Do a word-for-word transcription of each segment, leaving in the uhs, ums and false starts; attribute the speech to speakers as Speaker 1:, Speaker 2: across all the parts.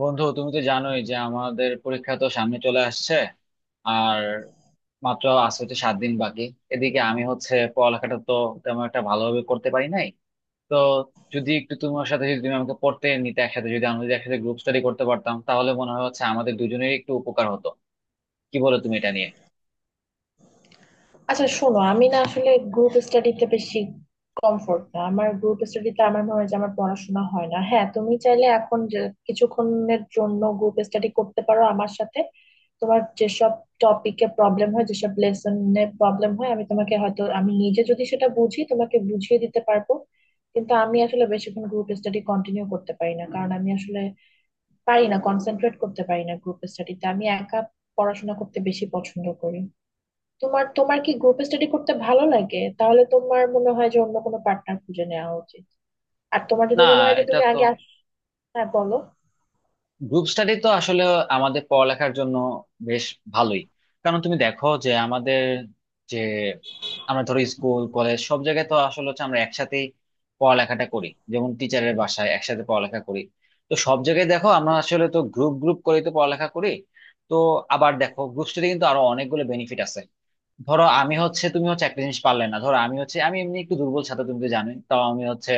Speaker 1: বন্ধু, তুমি তো জানোই যে আমাদের পরীক্ষা তো সামনে চলে আসছে আর মাত্র আছে তো সাত দিন বাকি। এদিকে আমি হচ্ছে পড়ালেখাটা তো তেমন একটা ভালোভাবে করতে পারি নাই। তো যদি একটু তোমার সাথে, যদি তুমি আমাকে পড়তে নিতে একসাথে, যদি আমরা যদি একসাথে গ্রুপ স্টাডি করতে পারতাম তাহলে মনে হয় হচ্ছে আমাদের দুজনেরই একটু উপকার হতো। কি বলো তুমি এটা নিয়ে?
Speaker 2: আচ্ছা শোনো, আমি না আসলে গ্রুপ স্টাডিতে বেশি কমফোর্ট না। আমার গ্রুপ স্টাডিতে আমার মনে হয় যে আমার পড়াশোনা হয় না। হ্যাঁ, তুমি চাইলে এখন যে কিছুক্ষণের জন্য গ্রুপ স্টাডি করতে পারো আমার সাথে। তোমার যেসব টপিকে প্রবলেম হয়, যেসব লেসনে প্রবলেম হয়, আমি তোমাকে হয়তো, আমি নিজে যদি সেটা বুঝি, তোমাকে বুঝিয়ে দিতে পারবো। কিন্তু আমি আসলে বেশিক্ষণ গ্রুপ স্টাডি কন্টিনিউ করতে পারি না, কারণ আমি আসলে পারি না, কনসেন্ট্রেট করতে পারি না গ্রুপ স্টাডিতে। আমি একা পড়াশোনা করতে বেশি পছন্দ করি। তোমার তোমার কি গ্রুপ স্টাডি করতে ভালো লাগে? তাহলে তোমার মনে হয় যে অন্য কোনো পার্টনার খুঁজে নেওয়া উচিত, আর তোমার
Speaker 1: না,
Speaker 2: যদি মনে হয় যে
Speaker 1: এটা
Speaker 2: তুমি
Speaker 1: তো
Speaker 2: আগে আস। হ্যাঁ বলো।
Speaker 1: গ্রুপ স্টাডি তো আসলে আমাদের পড়ালেখার জন্য বেশ ভালোই। কারণ তুমি দেখো যে আমাদের, যে আমরা ধরো স্কুল কলেজ সব জায়গায় তো আসলে হচ্ছে আমরা একসাথেই পড়ালেখাটা করি, যেমন টিচারের বাসায় একসাথে পড়ালেখা করি। তো সব জায়গায় দেখো আমরা আসলে তো গ্রুপ গ্রুপ করে তো পড়ালেখা করি। তো আবার দেখো গ্রুপ স্টাডি কিন্তু আরো অনেকগুলো বেনিফিট আছে। ধরো আমি হচ্ছে, তুমি হচ্ছে একটা জিনিস পারলে না, ধরো আমি হচ্ছে আমি এমনি একটু দুর্বল ছাত্র তুমি তো জানোই, তাও আমি হচ্ছে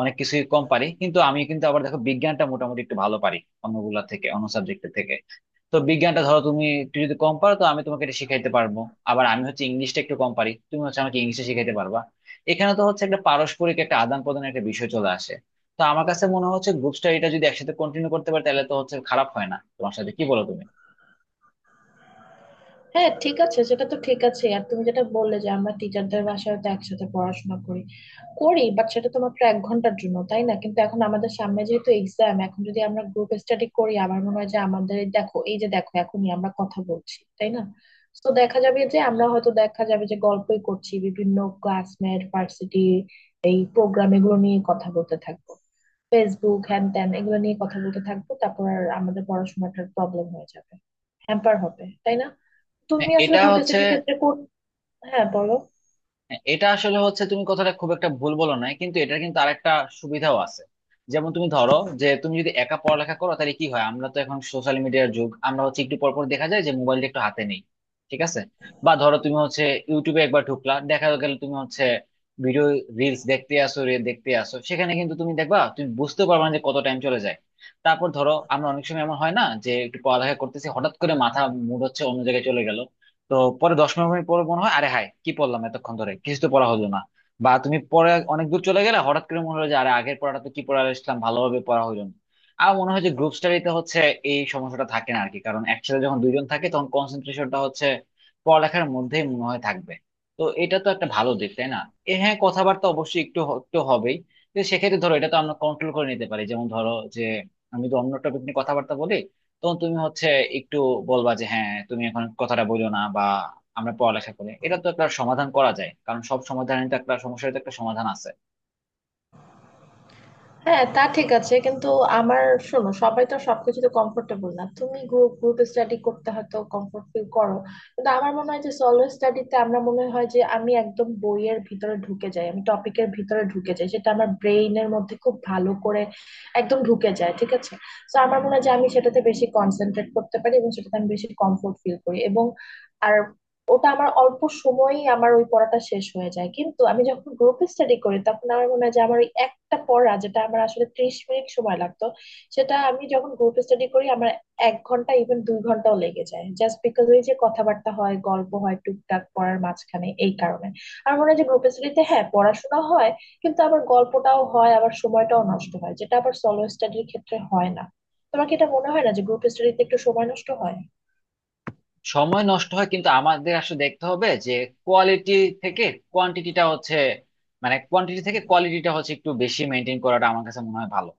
Speaker 1: অনেক কিছুই কম পারি কিন্তু আমি কিন্তু আবার দেখো বিজ্ঞানটা মোটামুটি একটু ভালো পারি অন্যগুলা থেকে, অন্য সাবজেক্টের থেকে। তো বিজ্ঞানটা ধরো তুমি একটু যদি কম পারো তো আমি তোমাকে এটা শিখাইতে পারবো। আবার আমি হচ্ছে ইংলিশটা একটু কম পারি, তুমি হচ্ছে আমাকে ইংলিশে শিখাইতে পারবা। এখানে তো হচ্ছে একটা পারস্পরিক একটা আদান প্রদানের একটা বিষয় চলে আসে। তো আমার কাছে মনে হচ্ছে গ্রুপ স্টাডিটা যদি একসাথে কন্টিনিউ করতে পারে তাহলে তো হচ্ছে খারাপ হয় না তোমার সাথে। কি বলো তুমি?
Speaker 2: হ্যাঁ ঠিক আছে, সেটা তো ঠিক আছে। আর তুমি যেটা বললে যে আমরা টিচারদের বাসায় তো একসাথে পড়াশোনা করি করি বাট সেটা তো মাত্র এক ঘন্টার জন্য, তাই না? কিন্তু এখন আমাদের সামনে যেহেতু এক্সাম, এখন যদি আমরা গ্রুপ স্টাডি করি, আমার মনে হয় যে আমাদের এই দেখো, এই যে দেখো, এখনই আমরা কথা বলছি, তাই না? তো দেখা যাবে যে আমরা হয়তো, দেখা যাবে যে গল্পই করছি, বিভিন্ন ক্লাসমেট, ভার্সিটি, এই প্রোগ্রাম এগুলো নিয়ে কথা বলতে থাকবো, ফেসবুক হ্যান ত্যান এগুলো নিয়ে কথা বলতে থাকবো, তারপর আর আমাদের পড়াশোনাটার প্রবলেম হয়ে যাবে, হ্যাম্পার হবে, তাই না?
Speaker 1: হ্যাঁ
Speaker 2: তুমি আসলে
Speaker 1: এটা
Speaker 2: গ্রুপ
Speaker 1: হচ্ছে,
Speaker 2: স্টাডির ক্ষেত্রে কোন... হ্যাঁ বলো।
Speaker 1: হ্যাঁ, এটা আসলে হচ্ছে তুমি কথাটা খুব একটা ভুল বলো নাই কিন্তু এটা কিন্তু আরেকটা সুবিধাও আছে। যেমন তুমি ধরো যে তুমি যদি একা পড়ালেখা করো তাহলে কি হয়, আমরা তো এখন সোশ্যাল মিডিয়ার যুগ, আমরা হচ্ছে একটু পর পর দেখা যায় যে মোবাইলটা একটু হাতে নেই। ঠিক আছে। বা ধরো তুমি হচ্ছে ইউটিউবে একবার ঢুকলা, দেখা গেল তুমি হচ্ছে ভিডিও রিলস দেখতে আসো রে দেখতে আসো, সেখানে কিন্তু তুমি দেখবা তুমি বুঝতে পারবে না যে কত টাইম চলে যায়। তারপর ধরো আমরা অনেক সময় এমন হয় না যে একটু পড়ালেখা করতেছি হঠাৎ করে মাথা, মুড হচ্ছে অন্য জায়গায় চলে গেল। তো পরে দশ পনেরো মিনিট পরে মনে হয় আরে হাই কি পড়লাম এতক্ষণ ধরে, কিছু তো পড়া হলো না। বা তুমি পরে অনেক দূর চলে গেলে হঠাৎ করে মনে হলো যে আরে আগের পড়াটা তো কি পড়া আসলাম, ভালোভাবে পড়া হলো না। আর মনে হয় যে গ্রুপ স্টাডিতে হচ্ছে এই সমস্যাটা থাকে না আরকি, কারণ একসাথে যখন দুইজন থাকে তখন কনসেন্ট্রেশনটা হচ্ছে পড়ালেখার মধ্যেই মনে হয় থাকবে। তো এটা তো একটা ভালো দিক, তাই না? এ হ্যাঁ, কথাবার্তা অবশ্যই একটু হ- একটু হবেই। তো সেক্ষেত্রে ধরো এটা তো আমরা কন্ট্রোল করে নিতে পারি, যেমন ধরো যে আমি তো অন্য টপিক নিয়ে কথাবার্তা বলি, তখন তুমি হচ্ছে একটু বলবা যে হ্যাঁ তুমি এখন কথাটা বলো না বা আমরা পড়ালেখা করি। এটা তো একটা সমাধান করা যায়, কারণ সব সমাধানের তো, একটা সমস্যার তো একটা সমাধান আছে।
Speaker 2: হ্যাঁ তা ঠিক আছে, কিন্তু আমার... শোনো, সবাই তো সবকিছুতে কমফোর্টেবল না। তুমি গ্রুপ গ্রুপ স্টাডি করতে হয়তো কমফোর্ট ফিল করো, কিন্তু আমার মনে হয় যে সলো স্টাডিতে আমরা মনে হয় যে আমি একদম বইয়ের ভিতরে ঢুকে যাই, আমি টপিকের ভিতরে ঢুকে যাই, সেটা আমার ব্রেইনের মধ্যে খুব ভালো করে একদম ঢুকে যায়, ঠিক আছে? তো আমার মনে হয় যে আমি সেটাতে বেশি কনসেন্ট্রেট করতে পারি এবং সেটাতে আমি বেশি কমফোর্ট ফিল করি, এবং আর ওটা আমার অল্প সময়ই আমার ওই পড়াটা শেষ হয়ে যায়। কিন্তু আমি যখন গ্রুপ স্টাডি করি তখন আমার মনে হয় যে আমার ওই একটা পড়া যেটা আমার আসলে ত্রিশ মিনিট সময় লাগতো, সেটা আমি যখন গ্রুপ স্টাডি করি আমার এক ঘন্টা ইভেন দুই ঘন্টাও লেগে যায়, জাস্ট বিকজ ওই যে কথাবার্তা হয়, গল্প হয় টুকটাক পড়ার মাঝখানে, এই কারণে। আমার মনে হয় যে গ্রুপ স্টাডিতে হ্যাঁ পড়াশোনা হয়, কিন্তু আবার গল্পটাও হয়, আবার সময়টাও নষ্ট হয়, যেটা আবার সলো স্টাডির ক্ষেত্রে হয় না। তোমার কি এটা মনে হয় না যে গ্রুপ স্টাডিতে একটু সময় নষ্ট হয়?
Speaker 1: সময় নষ্ট হয় কিন্তু আমাদের আসলে দেখতে হবে যে কোয়ালিটি থেকে কোয়ান্টিটিটা হচ্ছে, মানে কোয়ান্টিটি থেকে কোয়ালিটিটা হচ্ছে একটু বেশি মেনটেন করাটা আমার কাছে মনে হয় ভালো।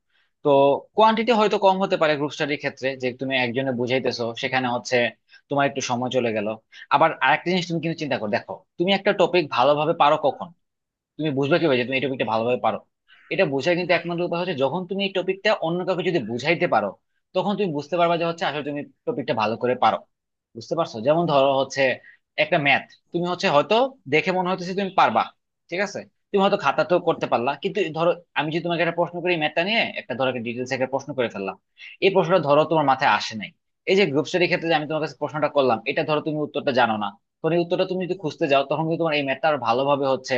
Speaker 1: তো কোয়ান্টিটি হয়তো কম হতে পারে গ্রুপ স্টাডির ক্ষেত্রে, যে তুমি একজনে বুঝাইতেছো সেখানে হচ্ছে তোমার একটু সময় চলে গেল। আবার আরেকটা জিনিস তুমি কিন্তু চিন্তা করো দেখো, তুমি একটা টপিক ভালোভাবে পারো কখন, তুমি বুঝবে কিভাবে যে তুমি এই টপিকটা ভালোভাবে পারো? এটা বোঝার কিন্তু একমাত্র উপায় হচ্ছে যখন তুমি এই টপিকটা অন্য কাউকে যদি বুঝাইতে পারো, তখন তুমি বুঝতে পারবা যে হচ্ছে আসলে তুমি টপিকটা ভালো করে পারো। বুঝতে পারছো? যেমন ধরো হচ্ছে একটা ম্যাথ, তুমি হচ্ছে হয়তো দেখে মনে হইতেছে তুমি পারবা, ঠিক আছে, তুমি হয়তো খাতাতেও করতে পারলা, কিন্তু ধরো আমি যদি তোমাকে একটা প্রশ্ন করি ম্যাথটা নিয়ে, একটা ধরো একটা ডিটেলস একটা প্রশ্ন করে ফেললাম, এই প্রশ্নটা ধরো তোমার মাথায় আসে নাই। এই যে গ্রুপ স্টাডির ক্ষেত্রে যে আমি তোমার কাছে প্রশ্নটা করলাম এটা ধরো তুমি উত্তরটা জানো না, তখন এই উত্তরটা তুমি যদি খুঁজতে যাও তখন কিন্তু তোমার এই ম্যাথটা আরো ভালোভাবে হচ্ছে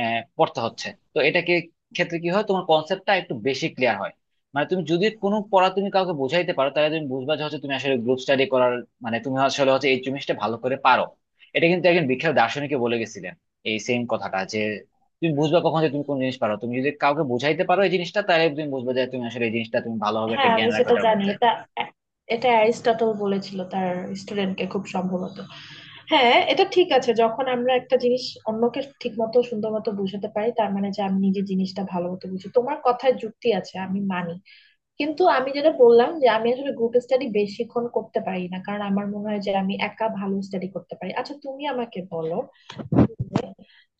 Speaker 1: আহ, পড়তে হচ্ছে। তো এটাকে ক্ষেত্রে কি হয়, তোমার কনসেপ্টটা একটু বেশি ক্লিয়ার হয়। মানে তুমি যদি কোনো পড়া তুমি কাউকে বোঝাইতে পারো তাহলে তুমি বুঝবা যে হচ্ছে তুমি আসলে গ্রুপ স্টাডি করার, মানে তুমি আসলে হচ্ছে এই জিনিসটা ভালো করে পারো। এটা কিন্তু একজন বিখ্যাত দার্শনিকে বলে গেছিলেন এই সেম কথাটা, যে তুমি বুঝবা কখন যে তুমি কোন জিনিস পারো, তুমি যদি কাউকে বোঝাইতে পারো এই জিনিসটা তাহলে তুমি বুঝবা যে তুমি আসলে এই জিনিসটা তুমি ভালোভাবে একটা
Speaker 2: হ্যাঁ, আমি
Speaker 1: জ্ঞান রাখো
Speaker 2: সেটা
Speaker 1: এটার
Speaker 2: জানি।
Speaker 1: মধ্যে।
Speaker 2: এটা এটা অ্যারিস্টটল বলেছিল তার স্টুডেন্টকে, খুব সম্ভবত। হ্যাঁ এটা ঠিক আছে, যখন আমরা একটা জিনিস অন্যকে ঠিক মতো, সুন্দর মতো বুঝাতে পারি, তার মানে যে আমি নিজে জিনিসটা ভালো মতো বুঝি। তোমার কথায় যুক্তি আছে, আমি মানি। কিন্তু আমি যেটা বললাম যে আমি আসলে গ্রুপ স্টাডি বেশিক্ষণ করতে পারি না, কারণ আমার মনে হয় যে আমি একা ভালো স্টাডি করতে পারি। আচ্ছা তুমি আমাকে বলো,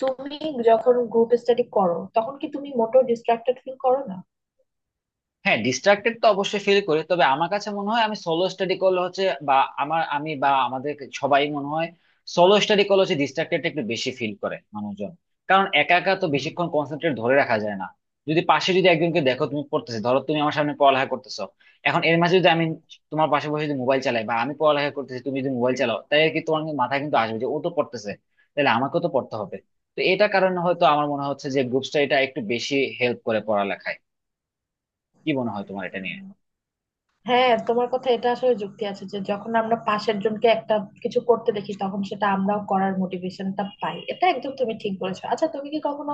Speaker 2: তুমি যখন গ্রুপ স্টাডি করো তখন কি তুমি মোটেও ডিস্ট্রাক্টেড ফিল করো না?
Speaker 1: হ্যাঁ, ডিস্ট্রাক্টেড তো অবশ্যই ফিল করি, তবে আমার কাছে মনে হয় আমি সোলো স্টাডি করলে হচ্ছে, বা আমার, আমি বা আমাদের সবাই মনে হয় সোলো স্টাডি করলে হচ্ছে ডিস্ট্রাক্টেড একটু বেশি ফিল করে মানুষজন। কারণ একা একা তো বেশিক্ষণ কনসেন্ট্রেট ধরে রাখা যায় না। যদি পাশে যদি একজনকে দেখো, তুমি পড়তেছো ধরো তুমি আমার সামনে পড়ালেখা করতেছো, এখন এর মাঝে যদি আমি তোমার পাশে বসে যদি মোবাইল চালাই, বা আমি পড়ালেখা করতেছি তুমি যদি মোবাইল চালাও, তাহলে কি তোমার কিন্তু মাথায় কিন্তু আসবে যে ও তো পড়তেছে, তাহলে আমাকেও তো পড়তে হবে। তো এটা কারণে হয়তো আমার মনে হচ্ছে যে গ্রুপ স্টাডিটা একটু বেশি হেল্প করে পড়ালেখায়। কি মনে হয় তোমার এটা নিয়ে?
Speaker 2: হ্যাঁ, তোমার কথা, এটা আসলে যুক্তি আছে যে যখন আমরা পাশের জনকে একটা কিছু করতে দেখি তখন সেটা আমরাও করার মোটিভেশনটা পাই, এটা একদম তুমি ঠিক বলেছো। আচ্ছা তুমি কি কখনো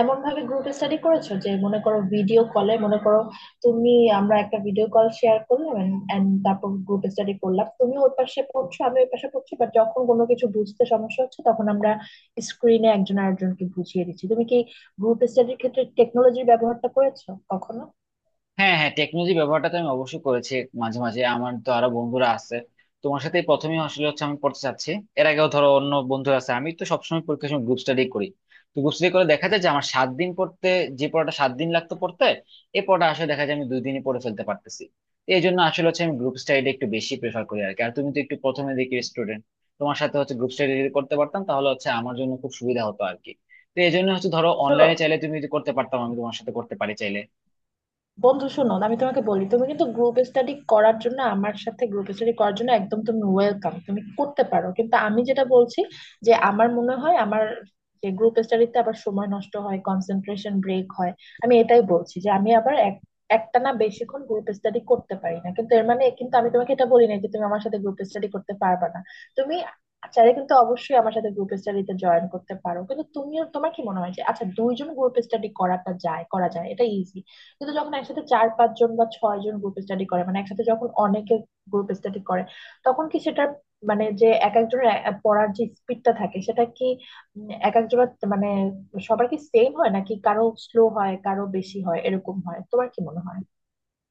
Speaker 2: এমন ভাবে গ্রুপ স্টাডি করেছো যে মনে করো ভিডিও কলে, মনে করো তুমি, আমরা একটা ভিডিও কল শেয়ার করলাম এন্ড তারপর গ্রুপ স্টাডি করলাম, তুমি ওর পাশে পড়ছো, আমি ওর পাশে পড়ছি, বাট যখন কোনো কিছু বুঝতে সমস্যা হচ্ছে তখন আমরা স্ক্রিনে একজন আরেকজনকে বুঝিয়ে দিচ্ছি। তুমি কি গ্রুপ স্টাডির ক্ষেত্রে টেকনোলজির ব্যবহারটা করেছো কখনো?
Speaker 1: হ্যাঁ হ্যাঁ, টেকনোলজি ব্যবহারটা তো আমি অবশ্যই করেছি। মাঝে মাঝে, আমার তো আরো বন্ধুরা আছে, তোমার সাথে প্রথমে আসলে হচ্ছে আমি পড়তে চাচ্ছি, এর আগেও ধরো অন্য বন্ধুরা আছে, আমি তো সবসময় পরীক্ষার সময় গ্রুপ স্টাডি করি। তো গ্রুপ স্টাডি করে দেখা যায় যে আমার সাত দিন পড়তে, যে পড়াটা সাত দিন লাগতো পড়তে এই পড়াটা আসলে দেখা যায় আমি দুই দিনে পড়ে ফেলতে পারতেছি। তো এই জন্য আসলে হচ্ছে আমি গ্রুপ স্টাডিটা একটু বেশি প্রেফার করি আর কি। আর তুমি তো একটু প্রথমে দিকে স্টুডেন্ট, তোমার সাথে হচ্ছে গ্রুপ স্টাডি যদি করতে পারতাম তাহলে হচ্ছে আমার জন্য খুব সুবিধা হতো আর কি। তো এই জন্য হচ্ছে ধরো
Speaker 2: শোনো
Speaker 1: অনলাইনে চাইলে তুমি যদি করতে পারতাম, আমি তোমার সাথে করতে পারি চাইলে।
Speaker 2: বন্ধু, শোনো, আমি তোমাকে বলি, তুমি কিন্তু গ্রুপ স্টাডি করার জন্য, আমার সাথে গ্রুপ স্টাডি করার জন্য একদম তুমি ওয়েলকাম, তুমি করতে পারো। কিন্তু আমি যেটা বলছি, যে আমার মনে হয় আমার যে গ্রুপ স্টাডিতে আবার সময় নষ্ট হয়, কনসেন্ট্রেশন ব্রেক হয়, আমি এটাই বলছি যে আমি আবার এক একটানা বেশিক্ষণ গ্রুপ স্টাডি করতে পারি না, কিন্তু এর মানে কিন্তু আমি তোমাকে এটা বলি না যে তুমি আমার সাথে গ্রুপ স্টাডি করতে পারবে না। তুমি চাইলে কিন্তু অবশ্যই আমার সাথে গ্রুপ স্টাডিতে জয়েন করতে পারো। কিন্তু তুমিও, তোমার কি মনে হয় যে আচ্ছা, দুইজন গ্রুপ স্টাডি করাটা যায় করা যায়, এটা ইজি। কিন্তু যখন একসাথে চার পাঁচ জন বা ছয় জন গ্রুপ স্টাডি করে, মানে একসাথে যখন অনেকে গ্রুপ স্টাডি করে, তখন কি সেটা, মানে যে এক একজনের এ- পড়ার যে স্পিডটা থাকে সেটা কি, উম, এক একজনের মানে, সবার কি সেম হয় নাকি কারো স্লো হয় কারো বেশি হয়, এরকম হয়, তোমার কি মনে হয়?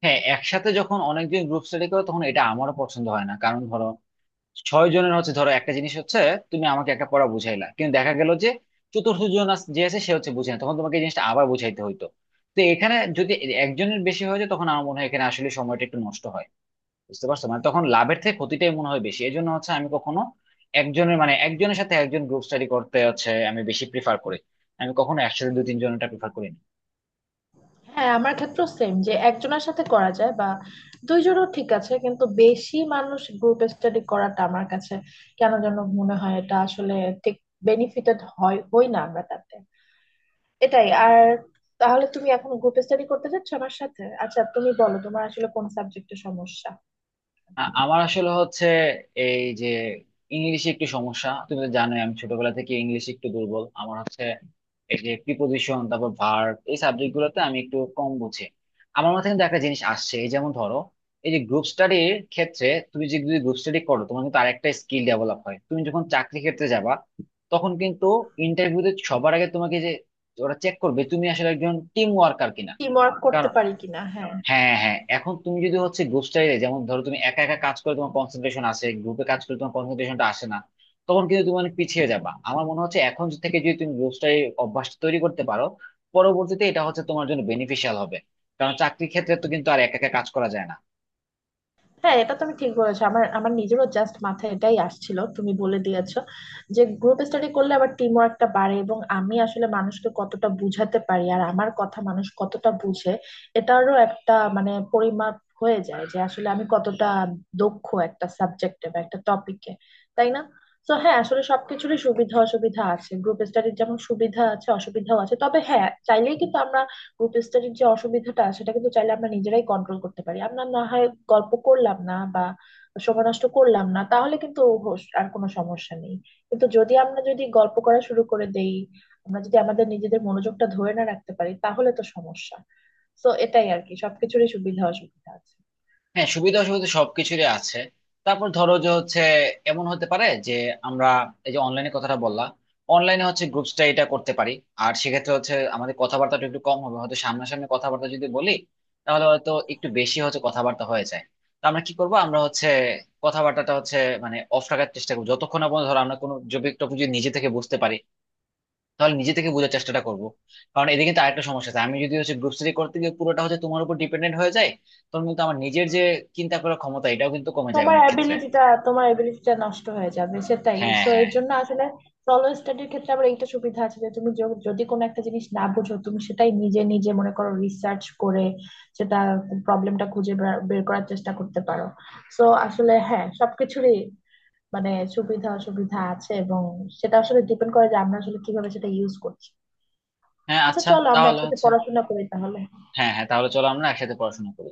Speaker 1: হ্যাঁ, একসাথে যখন অনেকজন গ্রুপ স্টাডি করো তখন এটা আমারও পছন্দ হয় না, কারণ ধরো ছয় জনের হচ্ছে, ধরো একটা জিনিস হচ্ছে তুমি আমাকে একটা পড়া বুঝাইলা কিন্তু দেখা গেল যে চতুর্থ জন আস- যে আছে সে হচ্ছে বুঝে না, তখন তোমাকে এই জিনিসটা আবার বুঝাইতে হইতো। তো এখানে যদি একজনের বেশি হয়ে যায় তখন আমার মনে হয় এখানে আসলে সময়টা একটু নষ্ট হয়। বুঝতে পারছো, মানে তখন লাভের থেকে ক্ষতিটাই মনে হয় বেশি। এই জন্য হচ্ছে আমি কখনো একজনের, মানে একজনের সাথে একজন গ্রুপ স্টাডি করতে হচ্ছে আমি বেশি প্রিফার করি, আমি কখনো একসাথে দু তিনজনটা প্রিফার করি না।
Speaker 2: হ্যাঁ, আমার ক্ষেত্রেও সেম, যে একজনের সাথে করা যায় বা দুইজনও ঠিক আছে, কিন্তু বেশি মানুষ গ্রুপ স্টাডি করাটা আমার কাছে কেন যেন মনে হয়, এটা আসলে ঠিক বেনিফিটেড হয় হই না আমরা তাতে, এটাই আর। তাহলে তুমি এখন গ্রুপ স্টাডি করতে চাচ্ছ আমার সাথে? আচ্ছা তুমি বলো, তোমার আসলে কোন সাবজেক্টে সমস্যা?
Speaker 1: আ- আমার আসলে হচ্ছে এই যে ইংলিশে একটু সমস্যা, তুমি তো জানোই আমি ছোটবেলা থেকে ইংলিশে একটু দুর্বল। আমার হচ্ছে এই যে প্রিপোজিশন, তারপর ভার্ব, এই সাবজেক্ট গুলোতে আমি একটু কম বুঝি। আমার মাথায় কিন্তু একটা জিনিস আসছে, এই যেমন ধরো এই যে গ্রুপ স্টাডির ক্ষেত্রে তুমি যে যদি গ্রুপ স্টাডি করো তোমার কিন্তু আরেকটা স্কিল ডেভেলপ হয়, তুমি যখন চাকরি ক্ষেত্রে যাবা তখন কিন্তু ইন্টারভিউতে সবার আগে তোমাকে যে ওরা চেক করবে তুমি আসলে একজন টিম ওয়ার্কার কিনা।
Speaker 2: টিম ওয়ার্ক করতে পারি কিনা, হ্যাঁ।
Speaker 1: হ্যাঁ হ্যাঁ, এখন তুমি যদি হচ্ছে গ্রুপ স্টাডিতে, যেমন ধরো তুমি একা একা কাজ করে তোমার কনসেন্ট্রেশন আসে, গ্রুপে কাজ করে তোমার কনসেন্ট্রেশনটা আসে না, তখন কিন্তু তুমি অনেক পিছিয়ে যাবা। আমার মনে হচ্ছে এখন থেকে যদি তুমি গ্রুপ স্টাডি অভ্যাসটা তৈরি করতে পারো, পরবর্তীতে এটা হচ্ছে তোমার জন্য বেনিফিশিয়াল হবে। কারণ চাকরির ক্ষেত্রে তো কিন্তু আর একা একা কাজ করা যায় না।
Speaker 2: হ্যাঁ এটা তুমি ঠিক বলেছো, আমার আমার নিজেরও জাস্ট মাথায় এটাই আসছিল, তুমি বলে দিয়েছো, যে গ্রুপ স্টাডি করলে আবার টিম ওয়ার্কটা বাড়ে, এবং আমি আসলে মানুষকে কতটা বুঝাতে পারি আর আমার কথা মানুষ কতটা বুঝে, এটারও একটা মানে পরিমাপ হয়ে যায় যে আসলে আমি কতটা দক্ষ একটা সাবজেক্টে বা একটা টপিকে, তাই না? তো হ্যাঁ, আসলে সবকিছুরই সুবিধা অসুবিধা আছে, গ্রুপ স্টাডির যেমন সুবিধা আছে অসুবিধাও আছে, তবে হ্যাঁ চাইলেই কিন্তু আমরা গ্রুপ স্টাডির যে অসুবিধাটা, সেটা কিন্তু চাইলে আমরা নিজেরাই কন্ট্রোল করতে পারি, আমরা না হয় গল্প করলাম না বা সময় নষ্ট করলাম না, তাহলে কিন্তু হোস- আর কোনো সমস্যা নেই। কিন্তু যদি আমরা যদি গল্প করা শুরু করে দেই, আমরা যদি আমাদের নিজেদের মনোযোগটা ধরে না রাখতে পারি, তাহলে তো সমস্যা। তো এটাই আর কি, সবকিছুরই সুবিধা অসুবিধা আছে।
Speaker 1: হ্যাঁ, সুবিধা অসুবিধা সবকিছুরই আছে। তারপর ধরো যে হচ্ছে এমন হতে পারে যে আমরা, এই যে অনলাইনে কথাটা বললাম, অনলাইনে হচ্ছে গ্রুপ এটা করতে পারি। আর সেক্ষেত্রে হচ্ছে আমাদের কথাবার্তাটা একটু কম হবে হয়তো, সামনাসামনি কথাবার্তা যদি বলি তাহলে হয়তো একটু বেশি হচ্ছে কথাবার্তা হয়ে যায়। তো আমরা কি করবো, আমরা হচ্ছে কথাবার্তাটা হচ্ছে মানে অফ রাখার চেষ্টা করবো যতক্ষণ না পর্যন্ত, ধরো আমরা কোনো যদি টপিক যদি নিজে থেকে বুঝতে পারি তাহলে নিজে থেকে বোঝার চেষ্টাটা করবো। কারণ এদিকে কিন্তু আরেকটা সমস্যা আছে, আমি যদি হচ্ছে গ্রুপ স্টাডি করতে গিয়ে পুরোটা হচ্ছে তোমার উপর ডিপেন্ডেন্ট হয়ে যায়, তখন কিন্তু আমার নিজের যে চিন্তা করার ক্ষমতা এটাও কিন্তু কমে যায়
Speaker 2: তোমার
Speaker 1: অনেক ক্ষেত্রে।
Speaker 2: অ্যাবিলিটিটা তোমার অ্যাবিলিটিটা নষ্ট হয়ে যাবে সেটাই,
Speaker 1: হ্যাঁ
Speaker 2: সো
Speaker 1: হ্যাঁ
Speaker 2: এর
Speaker 1: হ্যাঁ।
Speaker 2: জন্য আসলে সলো স্টাডির ক্ষেত্রে আবার এইটা সুবিধা আছে যে তুমি য- যদি কোনো একটা জিনিস না বুঝো, তুমি সেটাই নিজে নিজে মনে করো, রিসার্চ করে সেটা প্রবলেমটা খুঁজে বের বের করার চেষ্টা করতে পারো। সো আসলে হ্যাঁ, সবকিছুরই মানে সুবিধা অসুবিধা আছে, এবং সেটা আসলে ডিপেন্ড করে যে আমরা আসলে কিভাবে সেটা ইউজ করছি।
Speaker 1: হ্যাঁ,
Speaker 2: আচ্ছা
Speaker 1: আচ্ছা
Speaker 2: চলো আমরা
Speaker 1: তাহলে
Speaker 2: একসাথে
Speaker 1: হচ্ছে,
Speaker 2: পড়াশোনা করি তাহলে।
Speaker 1: হ্যাঁ হ্যাঁ, তাহলে চলো আমরা একসাথে পড়াশোনা করি।